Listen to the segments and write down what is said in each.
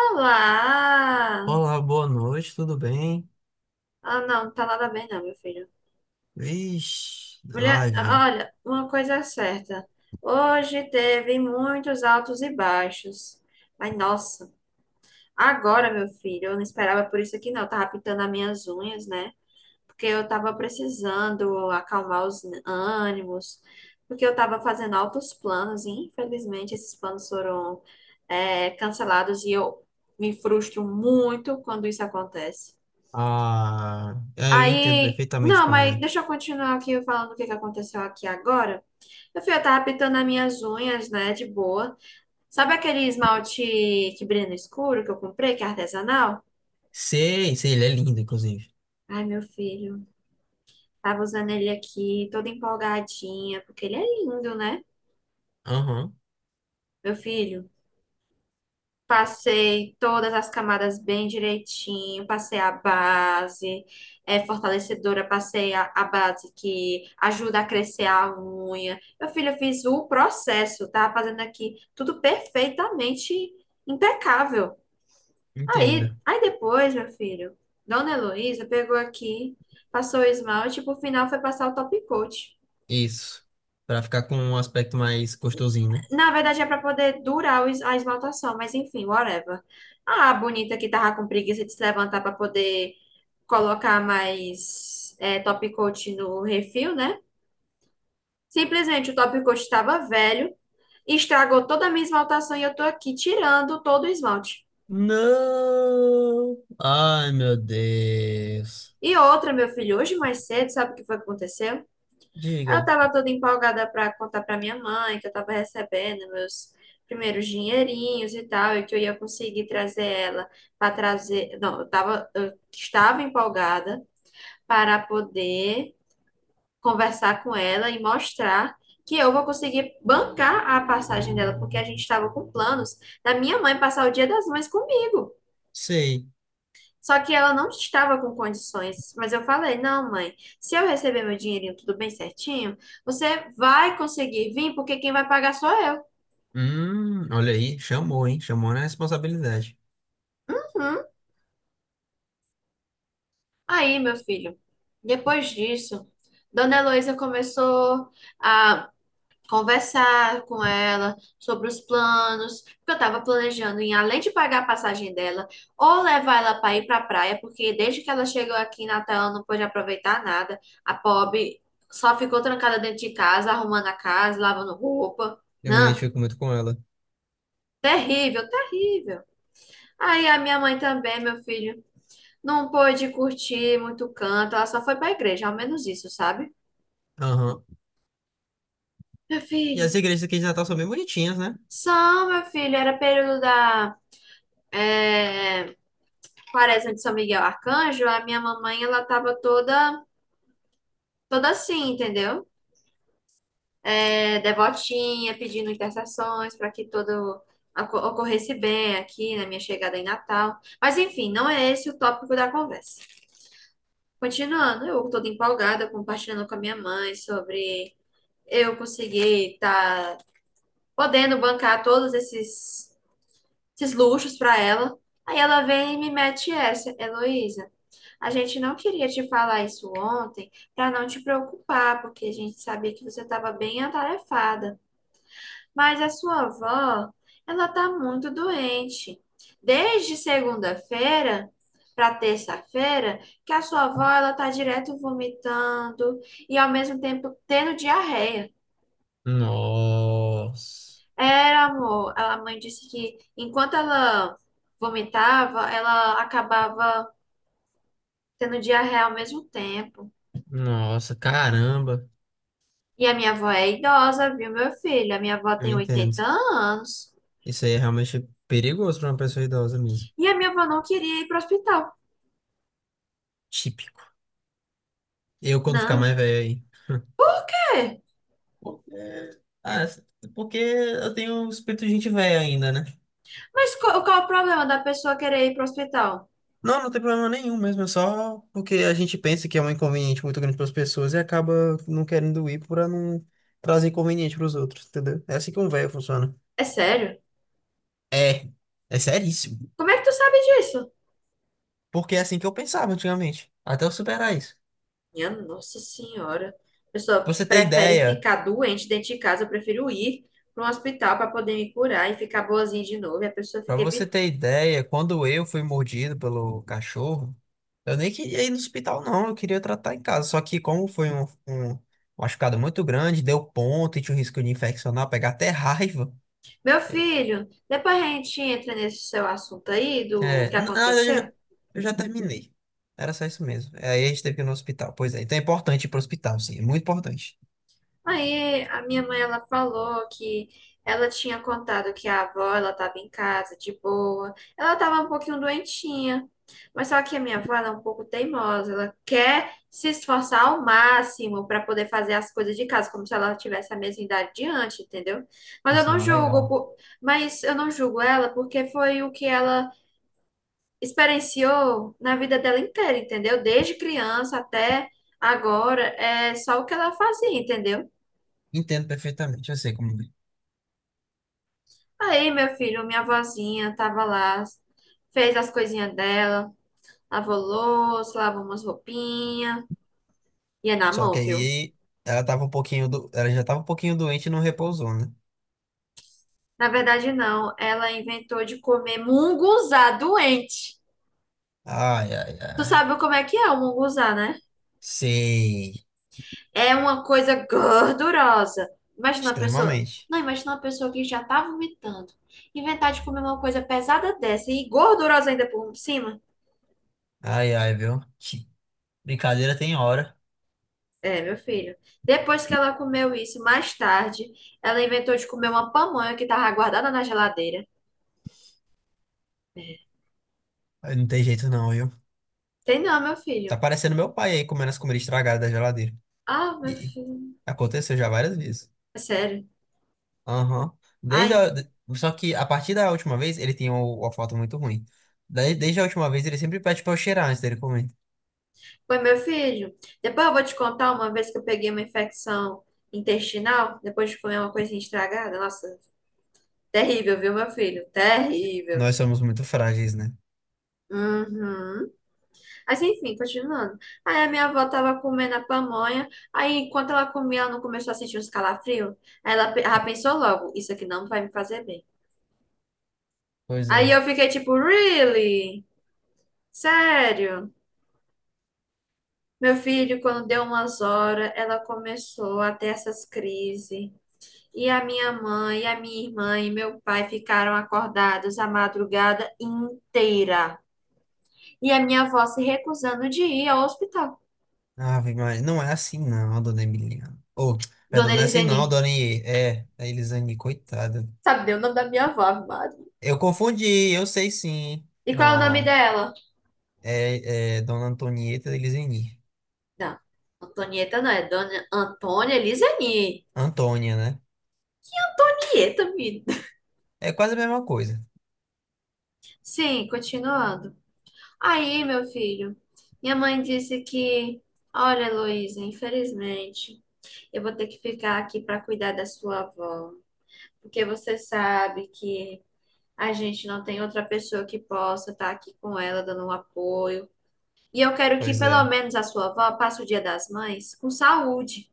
Olá! Olá, boa noite, tudo bem? Ah, não, tá nada bem não, meu filho. Vixe, Mulher, live. Hein? olha, uma coisa é certa. Hoje teve muitos altos e baixos. Mas, nossa, agora, meu filho, eu não esperava por isso aqui não. Eu tava pintando as minhas unhas, né? Porque eu tava precisando acalmar os ânimos. Porque eu tava fazendo altos planos e, infelizmente, esses planos foram, cancelados e eu me frustro muito quando isso acontece. Ah, é, eu entendo Aí, perfeitamente não, como mas é. deixa eu continuar aqui falando o que que aconteceu aqui agora. Eu tava pintando as minhas unhas, né, de boa. Sabe aquele esmalte que brilha no escuro que eu comprei, que é artesanal? Sei, sei, ele é lindo, inclusive. Ai, meu filho, tava usando ele aqui, toda empolgadinha, porque ele é lindo, né? Aham, Meu filho. Passei todas as camadas bem direitinho, passei a base é fortalecedora, passei a base que ajuda a crescer a unha. Meu filho, eu fiz o processo, tá fazendo aqui tudo perfeitamente impecável. entendo. Aí depois, meu filho, Dona Heloísa pegou aqui, passou o esmalte, e por final foi passar o top coat. Isso. Pra ficar com um aspecto mais gostosinho, né? Na verdade, é para poder durar o a esmaltação, mas enfim, whatever. Ah, a bonita que tava com preguiça de se levantar para poder colocar mais top coat no refil, né? Simplesmente o top coat estava velho, estragou toda a minha esmaltação e eu tô aqui tirando todo o esmalte. Não! Ai, meu Deus. E outra, meu filho, hoje mais cedo, sabe o que foi que aconteceu? Eu Diga. estava toda empolgada para contar para minha mãe que eu estava recebendo meus primeiros dinheirinhos e tal, e que eu ia conseguir trazer ela para trazer. Não, eu estava empolgada para poder conversar com ela e mostrar que eu vou conseguir bancar a passagem dela, porque a gente estava com planos da minha mãe passar o Dia das Mães comigo. Sei. Só que ela não estava com condições, mas eu falei: não, mãe, se eu receber meu dinheirinho tudo bem certinho, você vai conseguir vir, porque quem vai pagar sou eu. Olha aí, chamou, hein? Chamou na responsabilidade. Uhum. Aí, meu filho, depois disso, Dona Heloísa começou a conversar com ela sobre os planos, porque eu estava planejando em, além de pagar a passagem dela, ou levar ela para ir para a praia, porque desde que ela chegou aqui em Natal, ela não pôde aproveitar nada. A pobre só ficou trancada dentro de casa, arrumando a casa, lavando roupa. Eu me Não, identifico muito com ela. terrível, terrível. Aí a minha mãe também, meu filho, não pôde curtir muito canto, ela só foi para a igreja, ao menos isso, sabe? Aham. Meu E as filho, igrejas aqui de Natal são bem bonitinhas, né? só, meu filho, era período da Quaresma de São Miguel Arcanjo, a minha mamãe, ela tava toda, toda assim, entendeu? É, devotinha, pedindo intercessões para que tudo ocorresse bem aqui na minha chegada em Natal. Mas enfim, não é esse o tópico da conversa. Continuando, eu toda empolgada, compartilhando com a minha mãe sobre eu conseguir estar podendo bancar esses luxos para ela. Aí ela vem e me mete essa, Heloísa. A gente não queria te falar isso ontem para não te preocupar, porque a gente sabia que você estava bem atarefada. Mas a sua avó, ela está muito doente. Desde segunda-feira para terça-feira, que a sua avó ela está direto vomitando e ao mesmo tempo tendo diarreia. Nossa. Era, amor, a mãe disse que enquanto ela vomitava, ela acabava tendo diarreia ao mesmo tempo. Nossa, caramba. E a minha avó é idosa, viu, meu filho? A minha avó Eu tem entendo. 80 anos. Isso aí é realmente perigoso pra uma pessoa idosa mesmo. E a minha avó não queria ir para o hospital. Típico. Eu, quando ficar Não. mais velho aí. Por quê? Porque, ah, porque eu tenho um espírito de gente velha ainda, né? Mas qual é o problema da pessoa querer ir para o hospital? Não, não tem problema nenhum mesmo, é só porque a gente pensa que é um inconveniente muito grande para as pessoas e acaba não querendo ir para não trazer inconveniente para os outros, entendeu? É assim que um velho funciona. É sério? É, é seríssimo. Como é que tu sabe disso? Porque é assim que eu pensava antigamente, até eu superar isso. Minha Nossa Senhora. A pessoa Pra você ter prefere ideia, ficar doente dentro de casa. Eu prefiro ir para um hospital para poder me curar e ficar boazinha de novo. E a pessoa para fica você evitando. ter ideia, quando eu fui mordido pelo cachorro, eu nem queria ir no hospital, não, eu queria tratar em casa. Só que como foi um machucado muito grande, deu ponto e tinha o risco de infeccionar, pegar até raiva. Meu filho, depois a gente entra nesse seu assunto aí do É, que na verdade, aconteceu. eu já terminei. Era só isso mesmo. É, aí a gente teve que ir no hospital. Pois é, então é importante ir pro hospital, sim. É muito importante. Aí a minha mãe ela falou que ela tinha contado que a avó ela estava em casa de boa. Ela estava um pouquinho doentinha. Mas só que a minha avó ela é um pouco teimosa, ela quer se esforçar ao máximo para poder fazer as coisas de casa, como se ela tivesse a mesma idade de antes, entendeu? Mas eu Isso não não é julgo, legal. por- mas eu não julgo ela porque foi o que ela experienciou na vida dela inteira, entendeu? Desde criança até agora, é só o que ela fazia, entendeu? Entendo perfeitamente, eu sei como é. Aí, meu filho, minha vozinha tava lá, fez as coisinhas dela, lavou louça, lavou umas roupinhas, ia na Só que mão, viu? aí ela tava um pouquinho ela já tava um pouquinho doente e não repousou, né? Na verdade, não, ela inventou de comer munguzá doente. Ai, ai, Tu ai. sabe como é que é o munguzá, né? Sei. É uma coisa gordurosa. Imagina uma pessoa, Extremamente. não, imagina uma pessoa que já tá vomitando, inventar de comer uma coisa pesada dessa e gordurosa ainda por cima. Ai, ai, viu? Que brincadeira tem hora. É, meu filho. Depois que ela comeu isso, mais tarde, ela inventou de comer uma pamonha que tava guardada na geladeira. Ai, não tem jeito não, viu? Tem não, meu Tá filho. parecendo meu pai aí comendo as comidas estragadas da geladeira. Ah, meu E filho. aconteceu já várias vezes. É sério. Aham. Desde Ai, a... de- Só que a partir da última vez, ele tinha uma foto muito ruim. Daí, desde a última vez, ele sempre pede pra eu cheirar antes dele comer. foi meu filho. Depois eu vou te contar uma vez que eu peguei uma infecção intestinal, depois de comer uma coisinha estragada. Nossa, terrível, viu, meu filho? Terrível. Nós somos muito frágeis, né? Uhum. Mas enfim, continuando. Aí a minha avó tava comendo a pamonha, aí enquanto ela comia, ela não começou a sentir uns calafrios. Ela pensou logo, isso aqui não vai me fazer bem. Pois Aí é. eu fiquei tipo, really? Sério? Meu filho, quando deu umas horas, ela começou a ter essas crises. E a minha mãe, a minha irmã e meu pai ficaram acordados a madrugada inteira. E a minha avó se recusando de ir ao hospital. Ah, mas não é assim não, dona Emiliana. Ô, perdão, Dona não é assim Elisene, não, dona I. É, a Elisane, coitada. sabe o nome da minha avó, Ave Eu confundi, eu sei sim. E qual é o nome Ó, dela? É dona Antonieta Elisane. Não, Antonieta não, é Dona Antônia Lizani. Antônia, né? Antonieta, me... É quase a mesma coisa. Sim, continuando. Aí, meu filho, minha mãe disse que, olha, Heloísa, infelizmente, eu vou ter que ficar aqui para cuidar da sua avó, porque você sabe que a gente não tem outra pessoa que possa estar aqui com ela dando um apoio. E eu quero que Pois pelo é, menos a sua avó passe o Dia das Mães com saúde.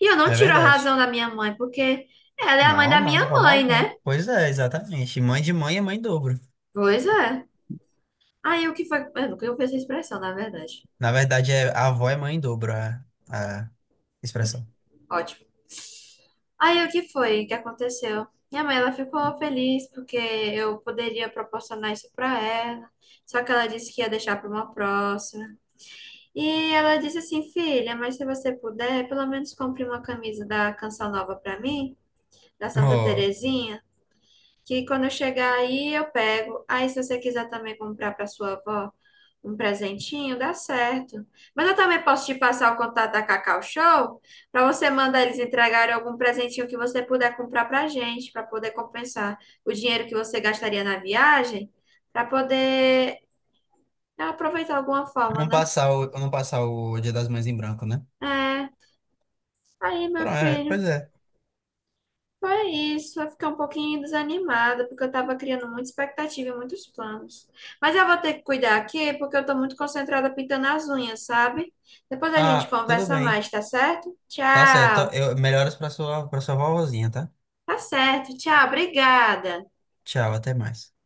E eu não é tiro a verdade. razão da minha mãe, porque ela é a mãe da Não, não, minha de forma mãe, alguma. né? Pois é, exatamente. Mãe de mãe é mãe em dobro. Pois é. Aí o que foi? Eu nunca ouvi essa expressão, na verdade. Na verdade, é, a avó é mãe em dobro, a expressão. Ótimo. Aí o que foi que aconteceu? Minha mãe, ela ficou feliz porque eu poderia proporcionar isso para ela. Só que ela disse que ia deixar para uma próxima. E ela disse assim, filha, mas se você puder, pelo menos compre uma camisa da Canção Nova para mim, da Santa Oh, Terezinha. Que quando eu chegar aí eu pego. Aí, se você quiser também comprar para sua avó um presentinho, dá certo. Mas eu também posso te passar o contato da Cacau Show para você mandar eles entregarem algum presentinho que você puder comprar para gente, para poder compensar o dinheiro que você gastaria na viagem, para poder aproveitar de alguma forma, né? Não passar o Dia das Mães em branco, né? É. Aí, meu filho. Pois é. Foi isso, eu fiquei um pouquinho desanimada, porque eu estava criando muita expectativa e muitos planos. Mas eu vou ter que cuidar aqui, porque eu estou muito concentrada pintando as unhas, sabe? Depois a gente Ah, tudo conversa bem. mais, tá certo? Tá certo. Tchau. Melhoras pra sua vovozinha, tá? Tá certo, tchau, obrigada. Tchau, até mais.